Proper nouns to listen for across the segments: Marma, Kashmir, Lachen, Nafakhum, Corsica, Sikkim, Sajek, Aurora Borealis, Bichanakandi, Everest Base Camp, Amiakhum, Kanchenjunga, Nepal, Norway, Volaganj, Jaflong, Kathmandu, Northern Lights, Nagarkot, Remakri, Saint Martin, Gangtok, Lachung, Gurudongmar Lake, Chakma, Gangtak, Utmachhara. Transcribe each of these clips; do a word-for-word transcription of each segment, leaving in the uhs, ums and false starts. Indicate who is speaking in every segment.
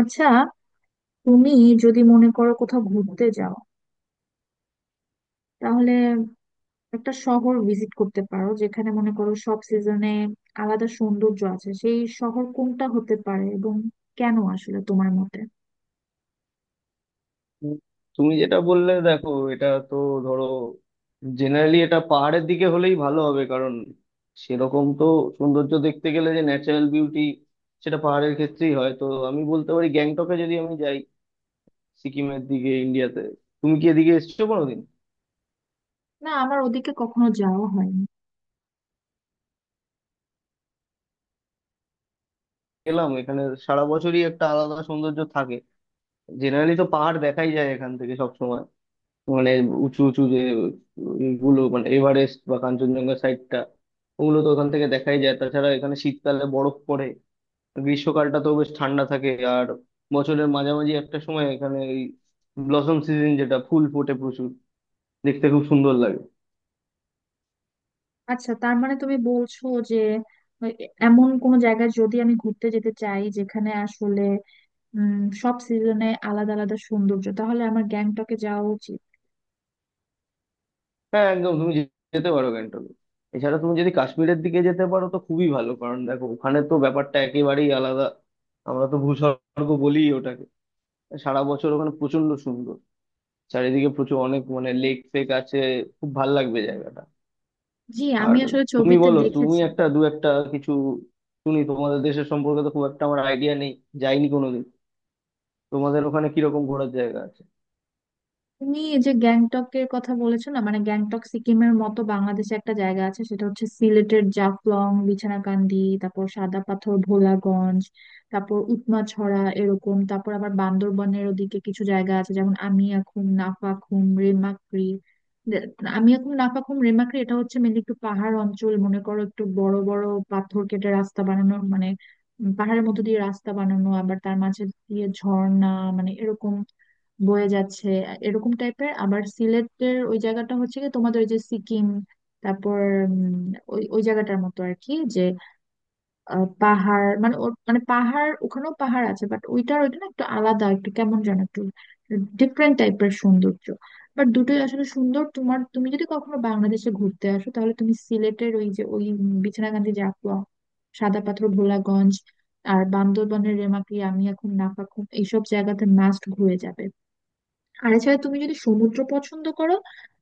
Speaker 1: আচ্ছা, তুমি যদি মনে করো কোথাও ঘুরতে যাও, তাহলে একটা শহর ভিজিট করতে পারো যেখানে মনে করো সব সিজনে আলাদা সৌন্দর্য আছে, সেই শহর কোনটা হতে পারে এবং কেন আসলে তোমার মতে?
Speaker 2: তুমি যেটা বললে দেখো এটা তো ধরো জেনারেলি এটা পাহাড়ের দিকে হলেই ভালো হবে, কারণ সেরকম তো সৌন্দর্য দেখতে গেলে যে ন্যাচারাল বিউটি, সেটা পাহাড়ের ক্ষেত্রেই হয়। তো আমি বলতে পারি, গ্যাংটকে যদি আমি যাই, সিকিমের দিকে, ইন্ডিয়াতে। তুমি কি এদিকে এসেছো কোনোদিন?
Speaker 1: না, আমার ওদিকে কখনো যাওয়া হয়নি।
Speaker 2: এলাম এখানে, সারা বছরই একটা আলাদা সৌন্দর্য থাকে। জেনারেলি তো পাহাড় দেখাই যায় এখান থেকে সব, মানে উঁচু উঁচু যে ইগুলো, মানে এভারেস্ট বা কাঞ্চনজঙ্ঘা সাইডটা, ওগুলো তো ওখান থেকে দেখাই যায়। তাছাড়া এখানে শীতকালে বরফ পড়ে, গ্রীষ্মকালটা তো বেশ ঠান্ডা থাকে। আর বছরের মাঝামাঝি একটা সময় এখানে এই ব্লসম সিজন, যেটা ফুল ফোটে প্রচুর, দেখতে খুব সুন্দর লাগে।
Speaker 1: আচ্ছা, তার মানে তুমি বলছো যে এ- এমন কোন জায়গায় যদি আমি ঘুরতে যেতে চাই যেখানে আসলে উম সব সিজনে আলাদা আলাদা সৌন্দর্য, তাহলে আমার গ্যাংটকে যাওয়া উচিত।
Speaker 2: হ্যাঁ একদম, তুমি যে- যেতে পারো গ্যাংটকে। এছাড়া তুমি যদি কাশ্মীরের দিকে যেতে পারো তো খুবই ভালো, কারণ দেখো ওখানে তো ব্যাপারটা একেবারেই আলাদা। আমরা তো ভূস্বর্গ বলি ওটাকে। সারা বছর ওখানে প্রচন্ড সুন্দর, চারিদিকে প্রচুর অনেক, মানে লেক ফেক আছে, খুব ভাল লাগবে জায়গাটা।
Speaker 1: জি,
Speaker 2: আর
Speaker 1: আমি আসলে
Speaker 2: তুমি
Speaker 1: ছবিতে
Speaker 2: বলো, তুমি
Speaker 1: দেখেছি।
Speaker 2: একটা দু একটা কিছু শুনি, তোমাদের দেশের সম্পর্কে তো খুব একটা আমার আইডিয়া নেই, যাইনি কোনোদিন। তোমাদের ওখানে কিরকম ঘোরার জায়গা আছে?
Speaker 1: তুমি এই যে গ্যাংটক এর কথা বলেছো না, মানে গ্যাংটক সিকিমের মতো বাংলাদেশে একটা জায়গা আছে, সেটা হচ্ছে সিলেটের জাফলং, বিছানাকান্দি, তারপর সাদা পাথর ভোলাগঞ্জ, তারপর উৎমাছড়া এরকম। তারপর আবার বান্দরবনের ওদিকে কিছু জায়গা আছে, যেমন আমিয়াখুম, নাফাখুম, রেমাক্রি। দে- আমিয়াখুম, নাফাখুম, রেমাক্রি এটা হচ্ছে মেনলি একটু পাহাড় অঞ্চল, মনে করো একটু বড় বড় পাথর কেটে রাস্তা বানানো, মানে উম, পাহাড়ের মধ্যে দিয়ে রাস্তা বানানো, আবার তার মাঝে দিয়ে ঝর্ণা মানে এরকম বয়ে যাচ্ছে এরকম টাইপের। আবার সিলেটের ওই জায়গাটা হচ্ছে কি, তোমাদের ওই যে সিকিম, তারপর উম, ওই ওই জায়গাটার মতো আর কি। যে আহ, পাহাড় মানে ওর- মানে পাহাড়, ওখানেও পাহাড় আছে, বাট ওইটার ওইটা না একটু আলাদা, একটু কেমন যেন একটু ডিফারেন্ট টাইপের সৌন্দর্য। বাট দুটোই আসলে সুন্দর। তোমার, তুমি যদি কখনো বাংলাদেশে ঘুরতে আসো, তাহলে তুমি সিলেটের ওই যে ওই উম, বিছনাকান্দি, জাফলং, সাদা পাথর ভোলাগঞ্জ আর বান্দরবানের রেমাকি আমি এখন নাফাখুম এইসব জায়গাতে মাস্ট ঘুরে যাবে। আর এছাড়া তুমি যদি সমুদ্র পছন্দ করো,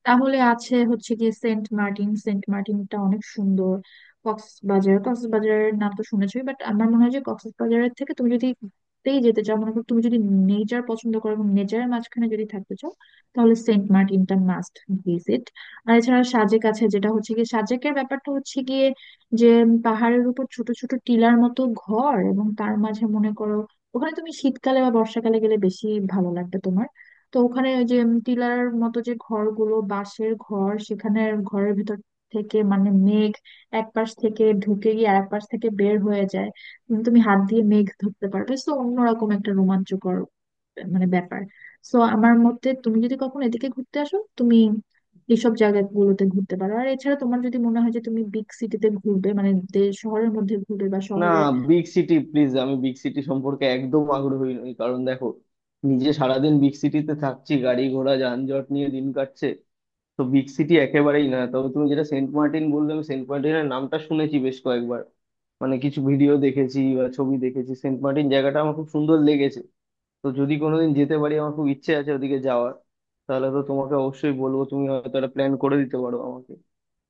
Speaker 1: তাহলে আছে হচ্ছে গিয়ে সেন্ট মার্টিন। সেন্ট মার্টিনটা অনেক সুন্দর। কক্সবাজার, কক্সবাজারের নাম তো শুনেছোই, বাট আমার মনে হয় যে কক্সবাজারের থেকে তুমি যদি ঘুরতেই যেতে চাও, মনে করো তুমি যদি নেচার পছন্দ করো এবং নেচারের মাঝখানে যদি থাকতে চাও, তাহলে সেন্ট মার্টিনটা মাস্ট ভিজিট। আর এছাড়া সাজেক আছে, যেটা হচ্ছে গিয়ে, সাজেকের ব্যাপারটা হচ্ছে গিয়ে যে পাহাড়ের উপর ছোট ছোট টিলার মতো ঘর, এবং তার মাঝে মনে করো ওখানে তুমি শীতকালে বা বর্ষাকালে গেলে বেশি ভালো লাগবে তোমার। তো ওখানে ওই যে উম টিলার মতো যে ঘরগুলো, বাঁশের ঘর, সেখানে ঘরের ভিতর থেকে মানে মেঘ এক পাশ থেকে ঢুকে গিয়ে আরেক পাশ থেকে বের হয়ে যায়। উম তুমি হাত দিয়ে মেঘ ধরতে পারবে, তো অন্যরকম একটা রোমাঞ্চকর মানে ব্যাপার। তো আমার মতে তুমি যদি কখনো এদিকে ঘুরতে আসো, তুমি এইসব জায়গাগুলোতে ঘুরতে পারো। আর এছাড়া তোমার যদি মনে হয় যে তুমি বিগ সিটিতে ঘুরবে, মানে দে- শহরের মধ্যে ঘুরবে বা
Speaker 2: না,
Speaker 1: শহরের।
Speaker 2: বিগ সিটি প্লিজ, আমি বিগ সিটি সম্পর্কে একদম আগ্রহী নই, কারণ দেখো নিজে সারাদিন বিগ সিটিতে থাকছি, গাড়ি ঘোড়া যানজট নিয়ে দিন কাটছে। তো বিগ সিটি একেবারেই না। তবে তুমি যেটা সেন্ট মার্টিন বললে, আমি সেন্ট মার্টিনের নামটা শুনেছি বেশ কয়েকবার, মানে কিছু ভিডিও দেখেছি বা ছবি দেখেছি, সেন্ট মার্টিন জায়গাটা আমার খুব সুন্দর লেগেছে। তো যদি কোনোদিন যেতে পারি, আমার খুব ইচ্ছে আছে ওদিকে যাওয়ার, তাহলে তো তোমাকে অবশ্যই বলবো, তুমি হয়তো একটা প্ল্যান করে দিতে পারো আমাকে।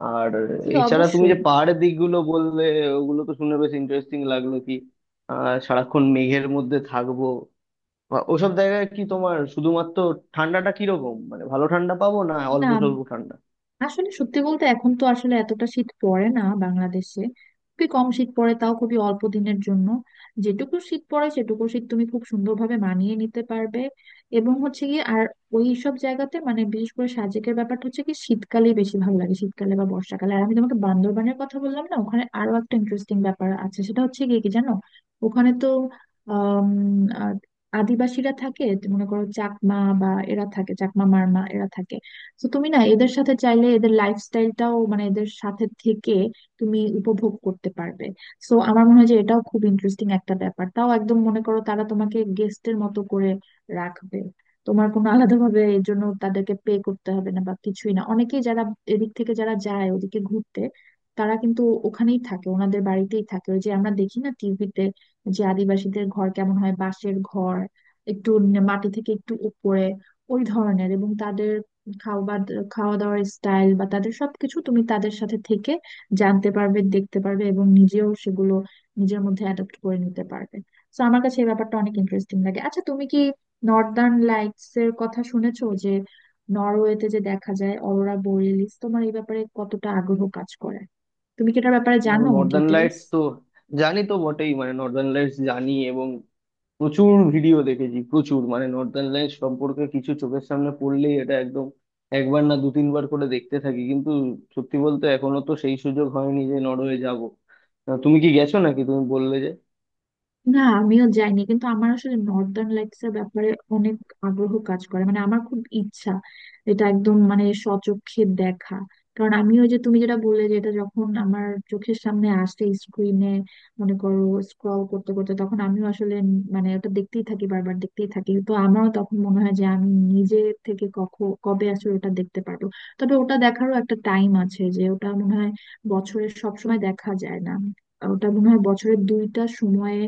Speaker 2: আর
Speaker 1: জি,
Speaker 2: এছাড়া তুমি
Speaker 1: অবশ্যই।
Speaker 2: যে পাহাড়ের দিকগুলো বললে, ওগুলো তো শুনে বেশ ইন্টারেস্টিং লাগলো। কি আহ সারাক্ষণ মেঘের মধ্যে থাকবো, বা ওসব জায়গায় কি তোমার শুধুমাত্র ঠান্ডাটা কিরকম, মানে ভালো ঠান্ডা পাবো না অল্প স্বল্প
Speaker 1: না,
Speaker 2: ঠান্ডা?
Speaker 1: আসলে সত্যি বলতে এখন তো আসলে এতটা শীত পড়ে না বাংলাদেশে, খুবই কম শীত পড়ে, তাও খুবই অল্প দিনের জন্য। যেটুকু শীত পড়ে সেটুকু শীত তুমি খুব সুন্দরভাবে মানিয়ে নিতে পারবে। এবং হচ্ছে কি, আর ওই সব জায়গাতে মানে বিশেষ করে সাজেকের ব্যাপারটা হচ্ছে কি, শীতকালে বেশি ভালো লাগে, শীতকালে বা বর্ষাকালে। আর আমি তোমাকে বান্দরবানের কথা বললাম না, ওখানে আরো একটা ইন্টারেস্টিং ব্যাপার আছে, সেটা হচ্ছে কি কি জানো, ওখানে তো আম, আহ, আদিবাসীরা থাকে। মনে করো চাকমা বা এরা থাকে, চাকমা, মারমা এরা থাকে। তো তুমি না এদের সাথে চাইলে এদের লাইফস্টাইলটাও, মানে এদের সাথে থেকে তুমি উপভোগ করতে পারবে। সো আমার মনে হয় যে এটাও খুব ইন্টারেস্টিং একটা ব্যাপার। তাও একদম মনে করো তারা তোমাকে গেস্টের মতো করে রাখবে, তোমার কোনো আলাদাভাবে এর জন্য তাদেরকে পে করতে হবে না বা কিছুই না। অনেকেই যারা এদিক থেকে যারা যায় ওদিকে ঘুরতে, তারা কিন্তু ওখানেই থাকে, ওনাদের বাড়িতেই থাকে। ওই যে আমরা দেখি না টিভিতে যে আদিবাসীদের ঘর কেমন হয়, বাঁশের ঘর, একটু ন- মাটি থেকে একটু উপরে ওই ধরনের, এবং তাদের খাওয়া, খাওয়া দাওয়ার স্টাইল বা তাদের সবকিছু তুমি তাদের সাথে থেকে জানতে পারবে, দেখতে পারবে এবং নিজেও সেগুলো নিজের মধ্যে অ্যাডাপ্ট করে নিতে পারবে। তো আমার কাছে এই ব্যাপারটা অনেক ইন্টারেস্টিং লাগে। আচ্ছা, তুমি কি নর্দার্ন লাইটস এর কথা শুনেছো, যে নরওয়েতে যে দেখা যায় অরোরা বোরিয়ালিস? তোমার এই ব্যাপারে কতটা আগ্রহ কাজ করে, তুমি কি এটার ব্যাপারে
Speaker 2: দেখো,
Speaker 1: জানো
Speaker 2: নর্দার্ন
Speaker 1: ডিটেলস?
Speaker 2: লাইটস তো জানি তো বটেই, মানে নর্দার্ন লাইটস জানি, এবং প্রচুর ভিডিও দেখেছি প্রচুর, মানে নর্দার্ন লাইটস সম্পর্কে কিছু চোখের সামনে পড়লেই এটা একদম একবার না দু তিনবার করে দেখতে থাকি। কিন্তু সত্যি বলতে এখনো তো সেই সুযোগ হয়নি যে নরওয়ে যাব। তুমি কি গেছো নাকি, তুমি বললে?
Speaker 1: না, আমিও যাইনি, কিন্তু আমার আসলে নর্দার্ন লাইটস এর ব্যাপারে অনেক আগ্রহ কাজ করে। মানে আমার খুব ইচ্ছা এটা একদম মানে স্বচক্ষে দেখা, কারণ আমিও, যে তুমি যেটা বললে, যে এটা যখন আমার চোখের সামনে আসে স্ক্রিনে, মনে করো স্ক্রল করতে করতে, তখন আমিও আসলে উম মানে ওটা দেখতেই থাকি, বারবার দেখতেই থাকি। তো আমারও তখন মনে হয় যে আমি নিজে থেকে কখন কবে আসলে ওটা দেখতে পারবো। তবে ওটা দেখারও একটা টাইম আছে, যে ওটা মনে হয় বছরের সব সময় দেখা যায় না, ওটা মনে হয় বছরের দুইটা সময়ে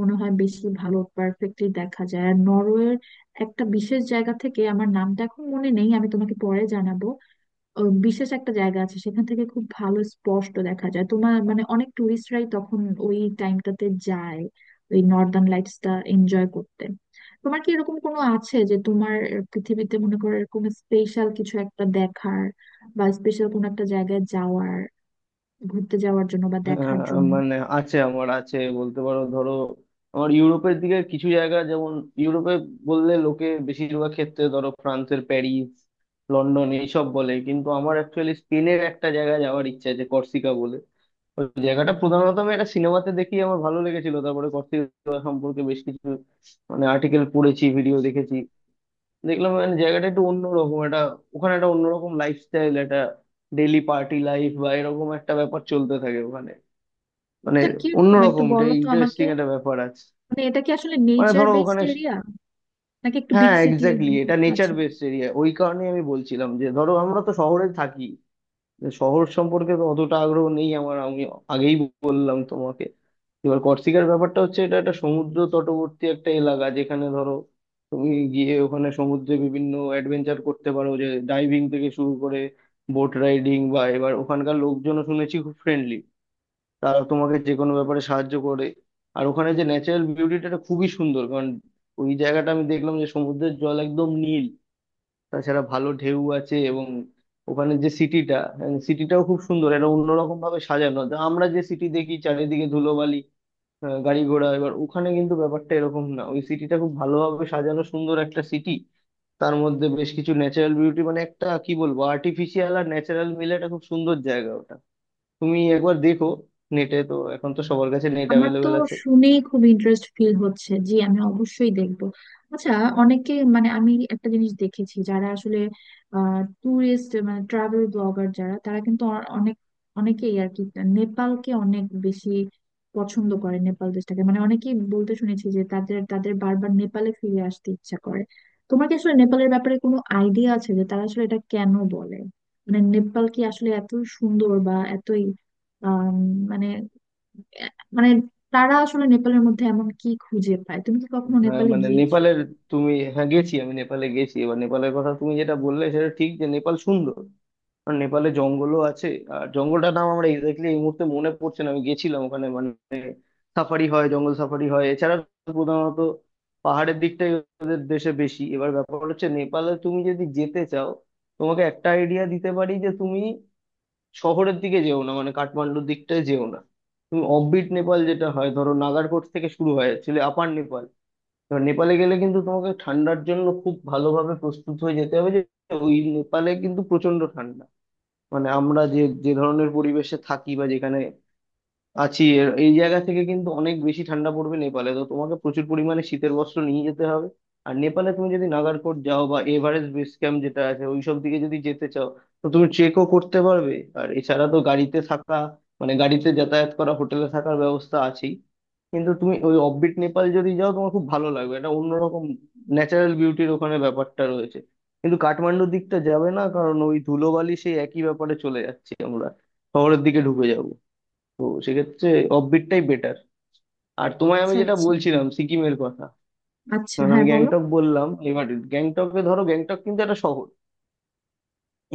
Speaker 1: মনে হয় বেশি ভালো পারফেক্টলি দেখা যায়। আর নরওয়ের একটা বিশেষ জায়গা থেকে, আমার নামটা এখন মনে নেই, আমি তোমাকে পরে জানাবো, ও বিশেষ একটা জায়গা আছে, সেখান থেকে খুব ভালো স্পষ্ট দেখা যায়। তোমার মানে অনেক টুরিস্টরাই তখন ওই টাইমটাতে যায় ওই নর্দার্ন লাইটসটা এনজয় করতে। তোমার কি এরকম কোনো আছে যে তোমার পৃথিবীতে মনে করো এরকম স্পেশাল কিছু একটা দেখার, বা স্পেশাল কোনো একটা জায়গায় যাওয়ার, ঘুরতে যাওয়ার জন্য বা
Speaker 2: আহ,
Speaker 1: দেখার জন্য?
Speaker 2: মানে আছে, আমার আছে বলতে পারো। ধরো আমার ইউরোপের দিকে কিছু জায়গা, যেমন ইউরোপে বললে লোকে বেশিরভাগ ক্ষেত্রে ধরো ফ্রান্সের প্যারিস, লন্ডন এইসব বলে। কিন্তু আমার অ্যাকচুয়ালি স্পেনের একটা জায়গায় যাওয়ার ইচ্ছা আছে, কর্সিকা বলে। ওই জায়গাটা প্রধানত আমি একটা সিনেমাতে দেখি, আমার ভালো লেগেছিল। তারপরে কর্সিকা সম্পর্কে বেশ কিছু মানে আর্টিকেল পড়েছি, ভিডিও দেখেছি। দেখলাম মানে জায়গাটা একটু অন্যরকম একটা, ওখানে একটা অন্যরকম লাইফস্টাইল, একটা ডেইলি পার্টি লাইফ বা এরকম একটা ব্যাপার চলতে থাকে। মানে
Speaker 1: আচ্ছা, কিরকম একটু
Speaker 2: অন্যরকম, এটা
Speaker 1: বলো তো আমাকে।
Speaker 2: ইন্টারেস্টিং একটা ব্যাপার আছে।
Speaker 1: মানে এটা কি আসলে
Speaker 2: মানে
Speaker 1: নেচার
Speaker 2: ধরো
Speaker 1: বেসড
Speaker 2: ওখানে,
Speaker 1: এরিয়া নাকি একটু বিগ
Speaker 2: হ্যাঁ
Speaker 1: সিটি
Speaker 2: এক্স্যাক্টলি,
Speaker 1: মানে?
Speaker 2: এটা নেচার
Speaker 1: আছে?
Speaker 2: Based area. ওই কারণেই আমি বলছিলাম যে ধরো আমরা তো শহরে থাকি, যে শহর সম্পর্কে তো অতটা আগ্রহ নেই আমার, আমি আগেই বললাম তোমাকে। এবার কর্সিকার ব্যাপারটা হচ্ছে, এটা একটা সমুদ্র তটবর্তী একটা এলাকা, যেখানে ধরো তুমি গিয়ে ওখানে সমুদ্রে বিভিন্ন অ্যাডভেঞ্চার করতে পারো, যে ডাইভিং থেকে শুরু করে বোট রাইডিং বা। এবার ওখানকার লোকজনও শুনেছি খুব ফ্রেন্ডলি, তারা তোমাকে যে কোনো ব্যাপারে সাহায্য করে। আর ওখানে যে ন্যাচারাল বিউটিটা, এটা খুবই সুন্দর, কারণ ওই জায়গাটা আমি দেখলাম যে সমুদ্রের জল একদম নীল, তাছাড়া ভালো ঢেউ আছে। এবং ওখানে যে সিটিটা সিটিটাও খুব সুন্দর, এটা অন্যরকম ভাবে সাজানো। তা আমরা যে সিটি দেখি চারিদিকে ধুলোবালি, আহ, গাড়ি ঘোড়া, এবার ওখানে কিন্তু ব্যাপারটা এরকম না, ওই সিটিটা খুব ভালোভাবে সাজানো, সুন্দর একটা সিটি। তার মধ্যে বেশ কিছু ন্যাচারাল বিউটি, মানে একটা কি বলবো, আর্টিফিশিয়াল আর ন্যাচারাল মিলে একটা খুব সুন্দর জায়গা ওটা। তুমি একবার দেখো, নেটে তো এখন তো সবার কাছে নেট
Speaker 1: আমার তো
Speaker 2: অ্যাভেলেবেল আছে।
Speaker 1: শুনেই খুব ইন্টারেস্ট ফিল হচ্ছে। জি, আমি অবশ্যই দেখবো। আচ্ছা, অনেকে মানে আমি একটা জিনিস দেখেছি, যারা আসলে ট্যুরিস্ট মানে ট্রাভেল ব্লগার যারা, তারা কিন্তু অ- অনেক, অনেকেই আর কি নেপালকে অনেক বেশি পছন্দ করে, নেপাল দেশটাকে। মানে অনেকেই বলতে শুনেছি যে তাদের তাদের বারবার নেপালে ফিরে আসতে ইচ্ছা করে। তোমার কি আসলে নেপালের ব্যাপারে কোনো আইডিয়া আছে যে তারা আসলে এটা কেন বলে, মানে নেপাল কি আসলে এত সুন্দর বা এতই আম, মানে আহ, মানে তারা আসলে নেপালের মধ্যে এমন কি খুঁজে পায়? তুমি কি কখনো
Speaker 2: হ্যাঁ,
Speaker 1: নেপালে
Speaker 2: মানে
Speaker 1: গিয়েছো?
Speaker 2: নেপালের, তুমি হ্যাঁ গেছি, আমি নেপালে গেছি। এবার নেপালের কথা তুমি যেটা বললে, সেটা ঠিক যে নেপাল সুন্দর, আর নেপালে জঙ্গলও আছে। আর জঙ্গলটার নাম আমরা এক্স্যাক্টলি এই মুহূর্তে মনে পড়ছে না। আমি গেছিলাম ওখানে, মানে সাফারি হয়, জঙ্গল সাফারি হয়। এছাড়া প্রধানত পাহাড়ের দিকটাই ওদের দেশে বেশি। এবার ব্যাপার হচ্ছে, নেপালে তুমি যদি যেতে চাও, তোমাকে একটা আইডিয়া দিতে পারি যে তুমি শহরের দিকে যেও না, মানে কাঠমান্ডুর দিকটায় যেও না। তুমি অফবিট নেপাল, যেটা হয় ধরো নাগারকোট থেকে শুরু হয় অ্যাকচুয়ালি, আপার নেপাল। এবার নেপালে গেলে কিন্তু তোমাকে ঠান্ডার জন্য খুব ভালোভাবে প্রস্তুত হয়ে যেতে হবে, যে ওই নেপালে কিন্তু প্রচন্ড ঠান্ডা। মানে আমরা যে যে ধরনের পরিবেশে থাকি বা যেখানে আছি, এর- এই জায়গা থেকে কিন্তু অনেক বেশি ঠান্ডা পড়বে নেপালে। তো তোমাকে প্রচুর পরিমাণে শীতের বস্ত্র নিয়ে যেতে হবে। আর নেপালে তুমি যদি নাগারকোট যাও বা এভারেস্ট বেস ক্যাম্প যেটা আছে ওইসব দিকে যদি যেতে চাও, তো তুমি ট্রেকও করতে পারবে। আর এছাড়া তো গাড়িতে থাকা, মানে গাড়িতে যাতায়াত করা, হোটেলে থাকার ব্যবস্থা আছেই। কিন্তু তুমি ওই অফবিট নেপাল যদি যাও, তোমার খুব ভালো লাগবে, এটা অন্যরকম ন্যাচারাল বিউটির ওখানে ব্যাপারটা রয়েছে। কিন্তু কাঠমান্ডুর দিকটা যাবে না, কারণ ওই ধুলোবালি সেই একই ব্যাপারে চলে যাচ্ছি আমরা, শহরের দিকে ঢুকে যাব। তো সেক্ষেত্রে অফবিটটাই বেটার। আর তোমায় আমি
Speaker 1: আচ্ছা,
Speaker 2: যেটা
Speaker 1: আচ্ছা।
Speaker 2: বলছিলাম সিকিমের কথা,
Speaker 1: আচ্ছা,
Speaker 2: কারণ আমি
Speaker 1: হ্যাঁ, বলো।
Speaker 2: গ্যাংটক বললাম। এবার গ্যাংটকে ধরো, গ্যাংটক কিন্তু একটা শহর,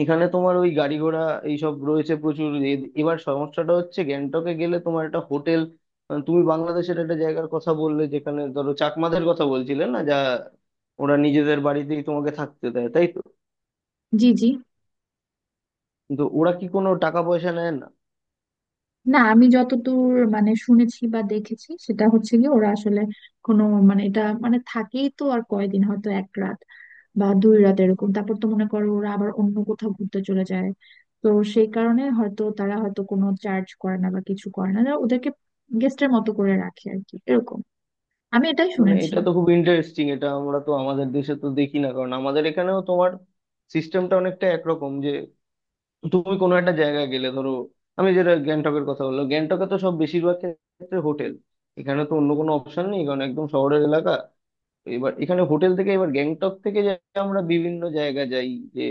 Speaker 2: এখানে তোমার ওই গাড়ি ঘোড়া এইসব রয়েছে প্রচুর। এ- এবার সমস্যাটা হচ্ছে গ্যাংটকে গেলে তোমার একটা হোটেল। তুমি বাংলাদেশের একটা জায়গার কথা বললে, যেখানে ধরো চাকমাদের কথা বলছিলে না, যা ওরা নিজেদের বাড়িতেই তোমাকে থাকতে দেয়, তাই তো?
Speaker 1: জি, জি।
Speaker 2: কিন্তু ওরা কি কোনো টাকা পয়সা নেয় না?
Speaker 1: না, আমি যতদূর মানে শুনেছি বা দেখেছি সেটা হচ্ছে কি, ওরা আসলে কোনো মানে এটা মানে থাকেই তো আর কয়দিন, হয়তো এক রাত বা দুই রাত এরকম, তারপর তো মনে করো ওরা আবার অন্য কোথাও ঘুরতে চলে যায়। তো সেই কারণে হয়তো তারা হয়তো কোনো চার্জ করে না বা কিছু করে না, ওরা ওদেরকে গেস্টের মতো করে রাখে আর কি, এরকম আমি এটাই
Speaker 2: মানে
Speaker 1: শুনেছি।
Speaker 2: এটা তো খুব ইন্টারেস্টিং। এটা আমরা তো আমাদের দেশে তো দেখি না, কারণ আমাদের এখানেও তোমার সিস্টেমটা অনেকটা একরকম, যে তুমি কোনো একটা জায়গায় গেলে ধরো, আমি যেটা গ্যাংটকের কথা বললাম, গ্যাংটকে তো সব বেশিরভাগ ক্ষেত্রে হোটেল, এখানে তো অন্য কোনো অপশন নেই, কারণ একদম শহরের এলাকা। এবার এখানে হোটেল থেকে এবার গ্যাংটক থেকে যে আমরা বিভিন্ন জায়গা যাই, যে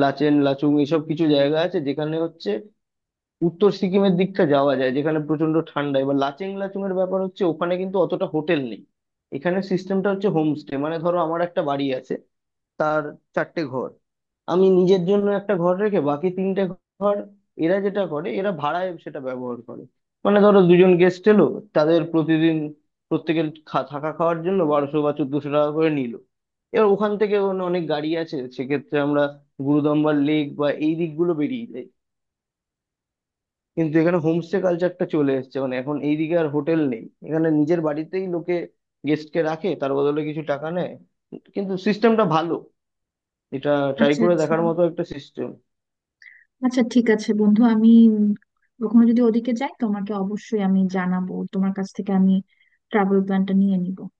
Speaker 2: লাচেন লাচুং এসব কিছু জায়গা আছে, যেখানে হচ্ছে উত্তর সিকিমের দিকটা যাওয়া যায়, যেখানে প্রচন্ড ঠান্ডা। এবার লাচেং লাচুং এর ব্যাপার হচ্ছে ওখানে কিন্তু অতটা হোটেল নেই, এখানে সিস্টেমটা হচ্ছে হোমস্টে। মানে ধরো আমার একটা বাড়ি আছে, তার চারটে ঘর, আমি নিজের জন্য একটা ঘর রেখে বাকি তিনটে ঘর এরা যেটা করে এরা ভাড়ায় সেটা ব্যবহার করে। মানে ধরো দুজন গেস্ট এলো, তাদের প্রতিদিন প্রত্যেকের খা- থাকা খাওয়ার জন্য বারোশো বা চোদ্দশো টাকা করে নিল। এবার ওখান থেকে অন- অনেক গাড়ি আছে, সেক্ষেত্রে আমরা গুরুদম্বার লেক বা এই দিকগুলো বেরিয়ে যাই। কিন্তু এখানে হোমস্টে কালচারটা চলে এসেছে, মানে এখন এইদিকে আর হোটেল নেই, এখানে নিজের বাড়িতেই লোকে গেস্টকে রাখে, তার বদলে কিছু টাকা নেয়। কিন্তু সিস্টেমটা ভালো, এটা ট্রাই
Speaker 1: আচ্ছা,
Speaker 2: করে
Speaker 1: আচ্ছা।
Speaker 2: দেখার মতো একটা সিস্টেম।
Speaker 1: আচ্ছা, ঠিক আছে বন্ধু, আমি উম, কখনো যদি ওদিকে যাই তোমাকে অবশ্যই আমি জানাবো, তোমার কাছ থেকে আমি ট্রাভেল প্ল্যানটা নিয়ে নিব।